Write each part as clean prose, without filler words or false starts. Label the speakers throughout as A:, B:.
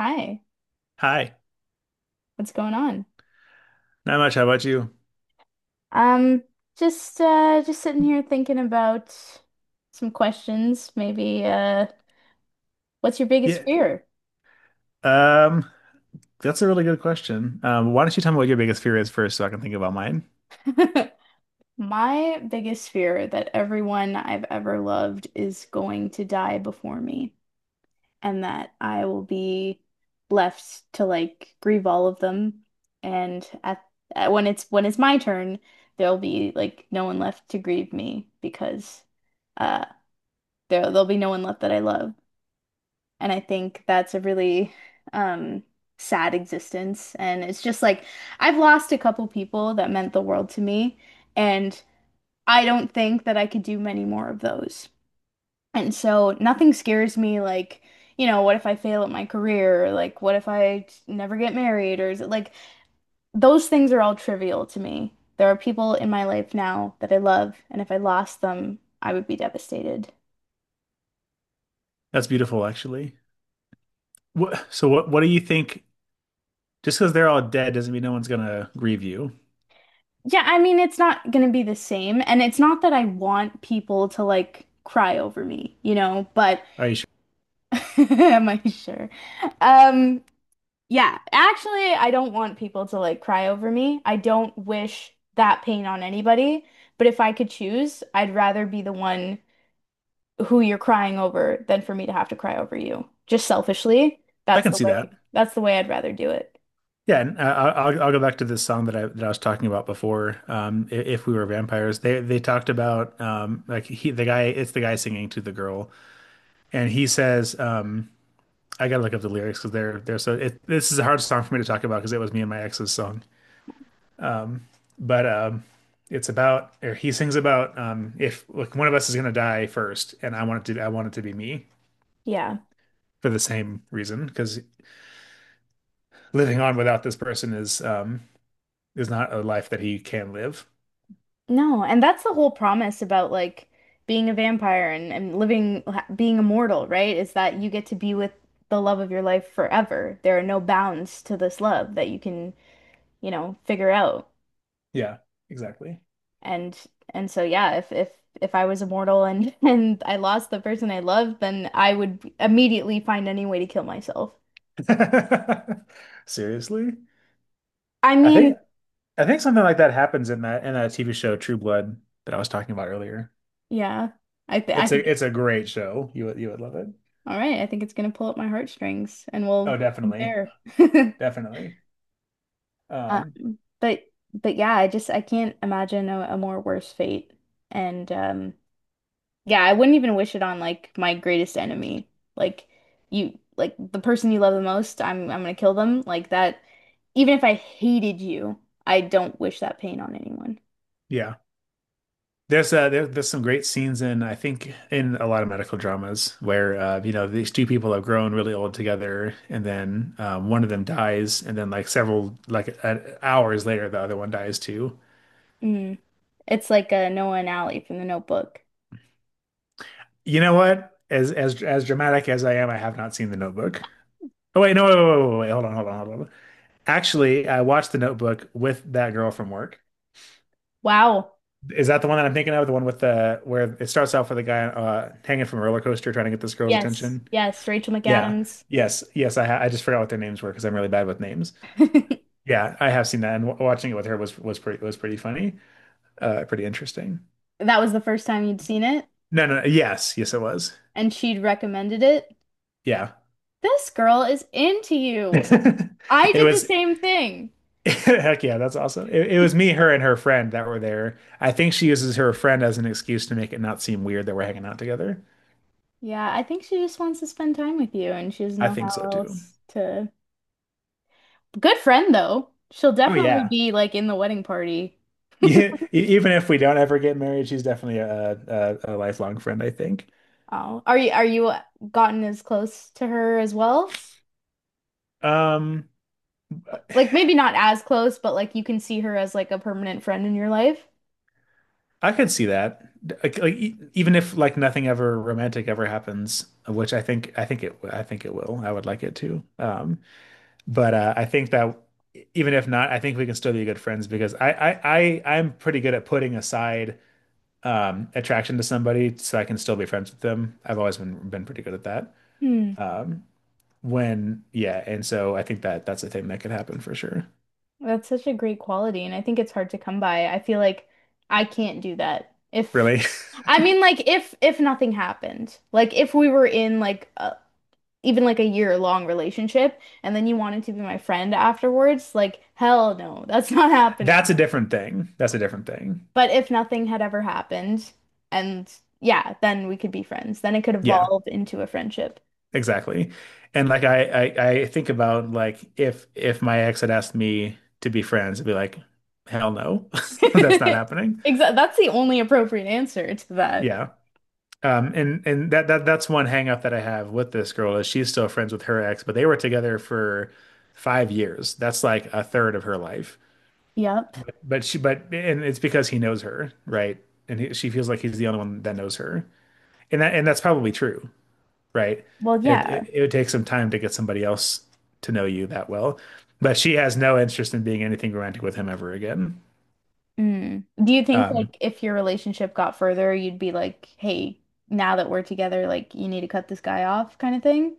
A: Hi,
B: Hi,
A: what's going on?
B: not much. How about you?
A: Um, just sitting here thinking about some questions. Maybe what's your biggest
B: Yeah,
A: fear?
B: um, that's a really good question. Why don't you tell me what your biggest fear is first, so I can think about mine?
A: My biggest fear that everyone I've ever loved is going to die before me and that I will be left to like grieve all of them and at when it's my turn, there'll be like no one left to grieve me because uh there'll be no one left that I love. And I think that's a really um, sad existence. And it's just like I've lost a couple people that meant the world to me. And I don't think that I could do many more of those. And so nothing scares me like, you know, what if I fail at my career? Or, like, what if I never get married? Or is it like those things are all trivial to me. There are people in my life now that I love. And if I lost them, I would be devastated.
B: That's beautiful, actually. So what do you think? Just because they're all dead doesn't mean no one's gonna grieve you.
A: Yeah, I mean, it's not going to be the same. And it's not that I want people to like cry over me, but
B: Are you sure?
A: am I sure? Um, yeah, actually, I don't want people to like cry over me. I don't wish that pain on anybody. But if I could choose, I'd rather be the one who you're crying over than for me to have to cry over you. Just selfishly,
B: I can see that.
A: that's the way I'd rather do it.
B: Yeah, and I'll go back to this song that I was talking about before. If we were vampires, they talked about like he the guy it's the guy singing to the girl, and he says, I gotta look up the lyrics because this is a hard song for me to talk about because it was me and my ex's song. Um, but it's about or he sings about if like one of us is gonna die first, and I want it to be me
A: Yeah.
B: for the same reason because living on without this person is not a life that he can live.
A: No, and that's the whole promise about like being a vampire and living, being immortal, right? Is that you get to be with the love of your life forever. There are no bounds to this love that you can, you know, figure out.
B: Yeah, exactly.
A: And and so yeah, if I was immortal and and I lost the person I loved, then I would immediately find any way to kill myself.
B: Seriously?
A: I
B: I
A: mean,
B: think I think something like that happens in that TV show True Blood that I was talking about earlier.
A: yeah, I th I
B: It's
A: think
B: a it's a great show. You would love it.
A: all right, I think it's gonna pull up my heartstrings and we'll
B: Oh, definitely.
A: compare.
B: Definitely. Um,
A: But yeah, I just I can't imagine a more worse fate. And yeah, I wouldn't even wish it on like my greatest enemy. Like you like the person you love the most, I'm gonna kill them. Like that even if I hated you, I don't wish that pain on anyone.
B: yeah. There's there's some great scenes in I think in a lot of medical dramas where you know these two people have grown really old together and then one of them dies and then like several hours later the other one dies too.
A: Mm. It's like a Noah and Allie from The Notebook.
B: You know what? As dramatic as I am, I have not seen The Notebook. Oh wait, no, wait, wait, wait, wait, wait. Hold on, hold on, hold on. Actually, I watched The Notebook with that girl from work.
A: Wow.
B: Is that the one that I'm thinking of? The one with the where it starts off with a guy hanging from a roller coaster trying to get this girl's
A: Yes,
B: attention.
A: yes, Rachel
B: Yeah.
A: McAdams.
B: Yes. Yes. I just forgot what their names were because I'm really bad with names. Yeah, I have seen that, and w watching it with her was pretty funny, pretty interesting.
A: That was the first time you'd seen it,
B: No, no. no, Yes. Yes, it was.
A: and she'd recommended it.
B: Yeah.
A: This girl is into you. I
B: It
A: did the
B: was.
A: same thing.
B: Heck yeah, that's awesome. It was me, her, and her friend that were there. I think she uses her friend as an excuse to make it not seem weird that we're hanging out together.
A: Yeah, I think she just wants to spend time with you, and she doesn't
B: I
A: know
B: think so
A: how
B: too.
A: else to. Good friend though. She'll
B: Oh
A: definitely
B: yeah.
A: be like in the wedding party.
B: Yeah, even if we don't ever get married, she's definitely a lifelong friend, I think.
A: Oh, are you gotten as close to her as well?
B: Um,
A: Like maybe not as close, but like you can see her as like a permanent friend in your life.
B: I could see that. Like, even if like nothing ever romantic ever happens, which I think it will. I would like it to. But I think that even if not, I think we can still be good friends because I'm pretty good at putting aside attraction to somebody so I can still be friends with them. I've always been pretty good at that.
A: Hmm.
B: Um, and so I think that that's a thing that could happen for sure.
A: That's such a great quality, and I think it's hard to come by. I feel like I can't do that. If
B: Really,
A: I mean, like, if nothing happened, like if we were in like even like a year long relationship, and then you wanted to be my friend afterwards, like hell no, that's not happening.
B: that's a different thing. That's a different thing.
A: But if nothing had ever happened, and yeah, then we could be friends. Then it could
B: Yeah,
A: evolve into a friendship.
B: exactly. And I think about like if my ex had asked me to be friends, I'd be like, hell no, that's not happening.
A: Exactly. That's the only appropriate answer to that.
B: Yeah. And that's one hang up that I have with this girl is she's still friends with her ex, but they were together for five years. That's like a third of her life.
A: Yep.
B: But she, but and it's because he knows her, right? And she feels like he's the only one that knows her, and that's probably true, right?
A: Well,
B: It, it
A: yeah.
B: it would take some time to get somebody else to know you that well, but she has no interest in being anything romantic with him ever again.
A: Mm. Do you think
B: Um,
A: like if your relationship got further, you'd be like, "Hey, now that we're together, like you need to cut this guy off," kind of thing?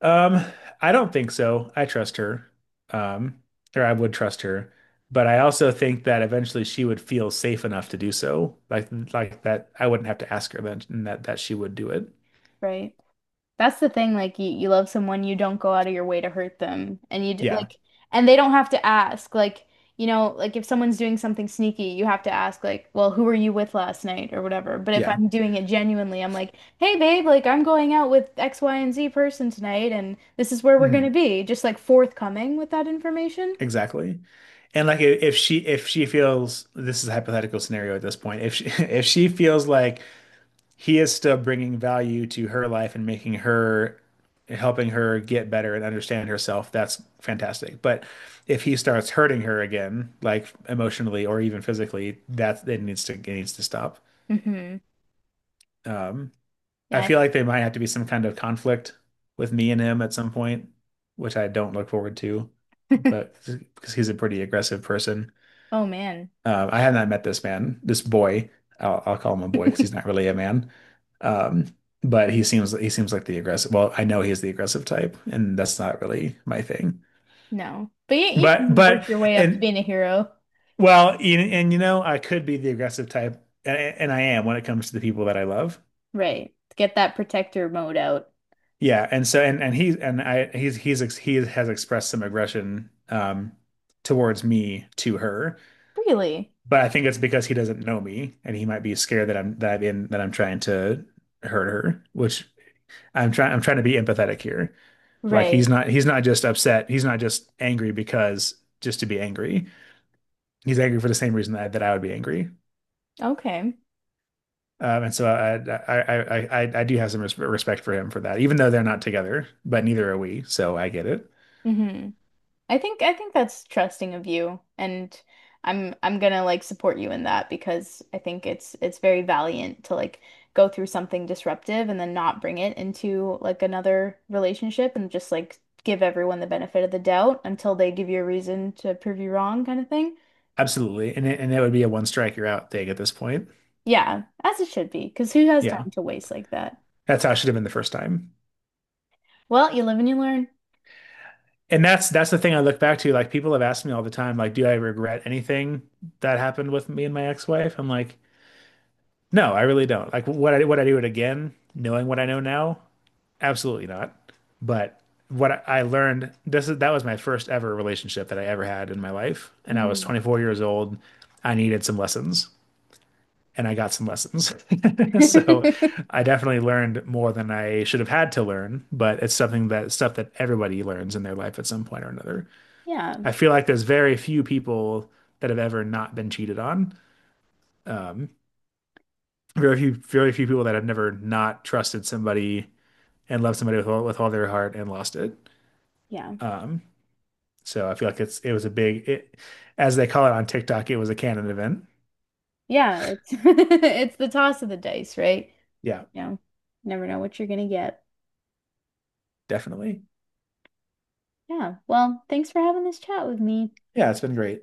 B: um, I don't think so. I trust her, um, or I would trust her, but I also think that eventually she would feel safe enough to do so, like that. I wouldn't have to ask her then, and that she would do it.
A: Right. That's the thing. Like you love someone, you don't go out of your way to hurt them, and you
B: Yeah,
A: like, and they don't have to ask. Like you know, like if someone's doing something sneaky, you have to ask, like, "Well, who were you with last night?" or whatever. But if
B: yeah.
A: I'm doing it genuinely, I'm like, "Hey, babe, like I'm going out with X, Y, and Z person tonight, and this is where we're gonna
B: Mhm.
A: be." Just like forthcoming with that information.
B: Exactly. And if she feels this is a hypothetical scenario at this point, if she if she feels like he is still bringing value to her life and making her helping her get better and understand herself, that's fantastic. But if he starts hurting her again, like emotionally or even physically, that it needs to stop.
A: Mm-hmm.
B: Um, I
A: Yeah, I
B: feel like there might have to be some kind of conflict with me and him at some point, which I don't look forward to, but because he's a pretty aggressive person.
A: Oh man.
B: I have not met this man, this boy. I'll call him a boy because he's not really a man. Um, but he seems like the aggressive. Well, I know he's the aggressive type, and that's not really my thing.
A: No. But you can Mm. work
B: But
A: your way up to
B: and
A: being a hero.
B: well, and you know, I could be the aggressive type, and I am when it comes to the people that I love.
A: Right. To get that protector mode out.
B: Yeah, and so and he and I he's ex, he has expressed some aggression towards me to her.
A: Really?
B: But I think it's because he doesn't know me, and he might be scared that I'm in that I'm trying to hurt her, which I'm trying to be empathetic here. Like
A: Right.
B: he's not just upset. He's not just angry because just to be angry. He's angry for the same reason that I would be angry.
A: Okay.
B: And so I do have some respect for him for that, even though they're not together, but neither are we. So I get it.
A: Hmm. I think that's trusting of you and I'm gonna like support you in that because I think it's very valiant to like go through something disruptive and then not bring it into like another relationship and just like give everyone the benefit of the doubt until they give you a reason to prove you wrong kind of thing.
B: Absolutely. And that would be a one strike you're out thing at this point.
A: Yeah, as it should be, because who has
B: Yeah.
A: time to waste like that?
B: That's how it should have been the first time.
A: Well, you live and you learn.
B: And that's the thing I look back to. Like people have asked me all the time, like, do I regret anything that happened with me and my ex-wife? I'm like, no, I really don't. Like would I do it again, knowing what I know now? Absolutely not. But what I learned this is that was my first ever relationship that I ever had in my life, and I was
A: Mm.
B: 24 years old. I needed some lessons, and I got some lessons. So I definitely learned more than I should have had to learn, but it's something that stuff that everybody learns in their life at some point or another.
A: Yeah,
B: I feel like there's very few people that have ever not been cheated on. Um, very few people that have never not trusted somebody and loved somebody with all their heart and lost it.
A: yeah,
B: Um, So I feel like it was a big it as they call it on TikTok, it was a canon event.
A: yeah. It's it's the toss of the dice, right?
B: Yeah,
A: You know, never know what you're gonna get.
B: definitely.
A: Yeah. Well, thanks for having this chat with me.
B: Yeah, it's been great.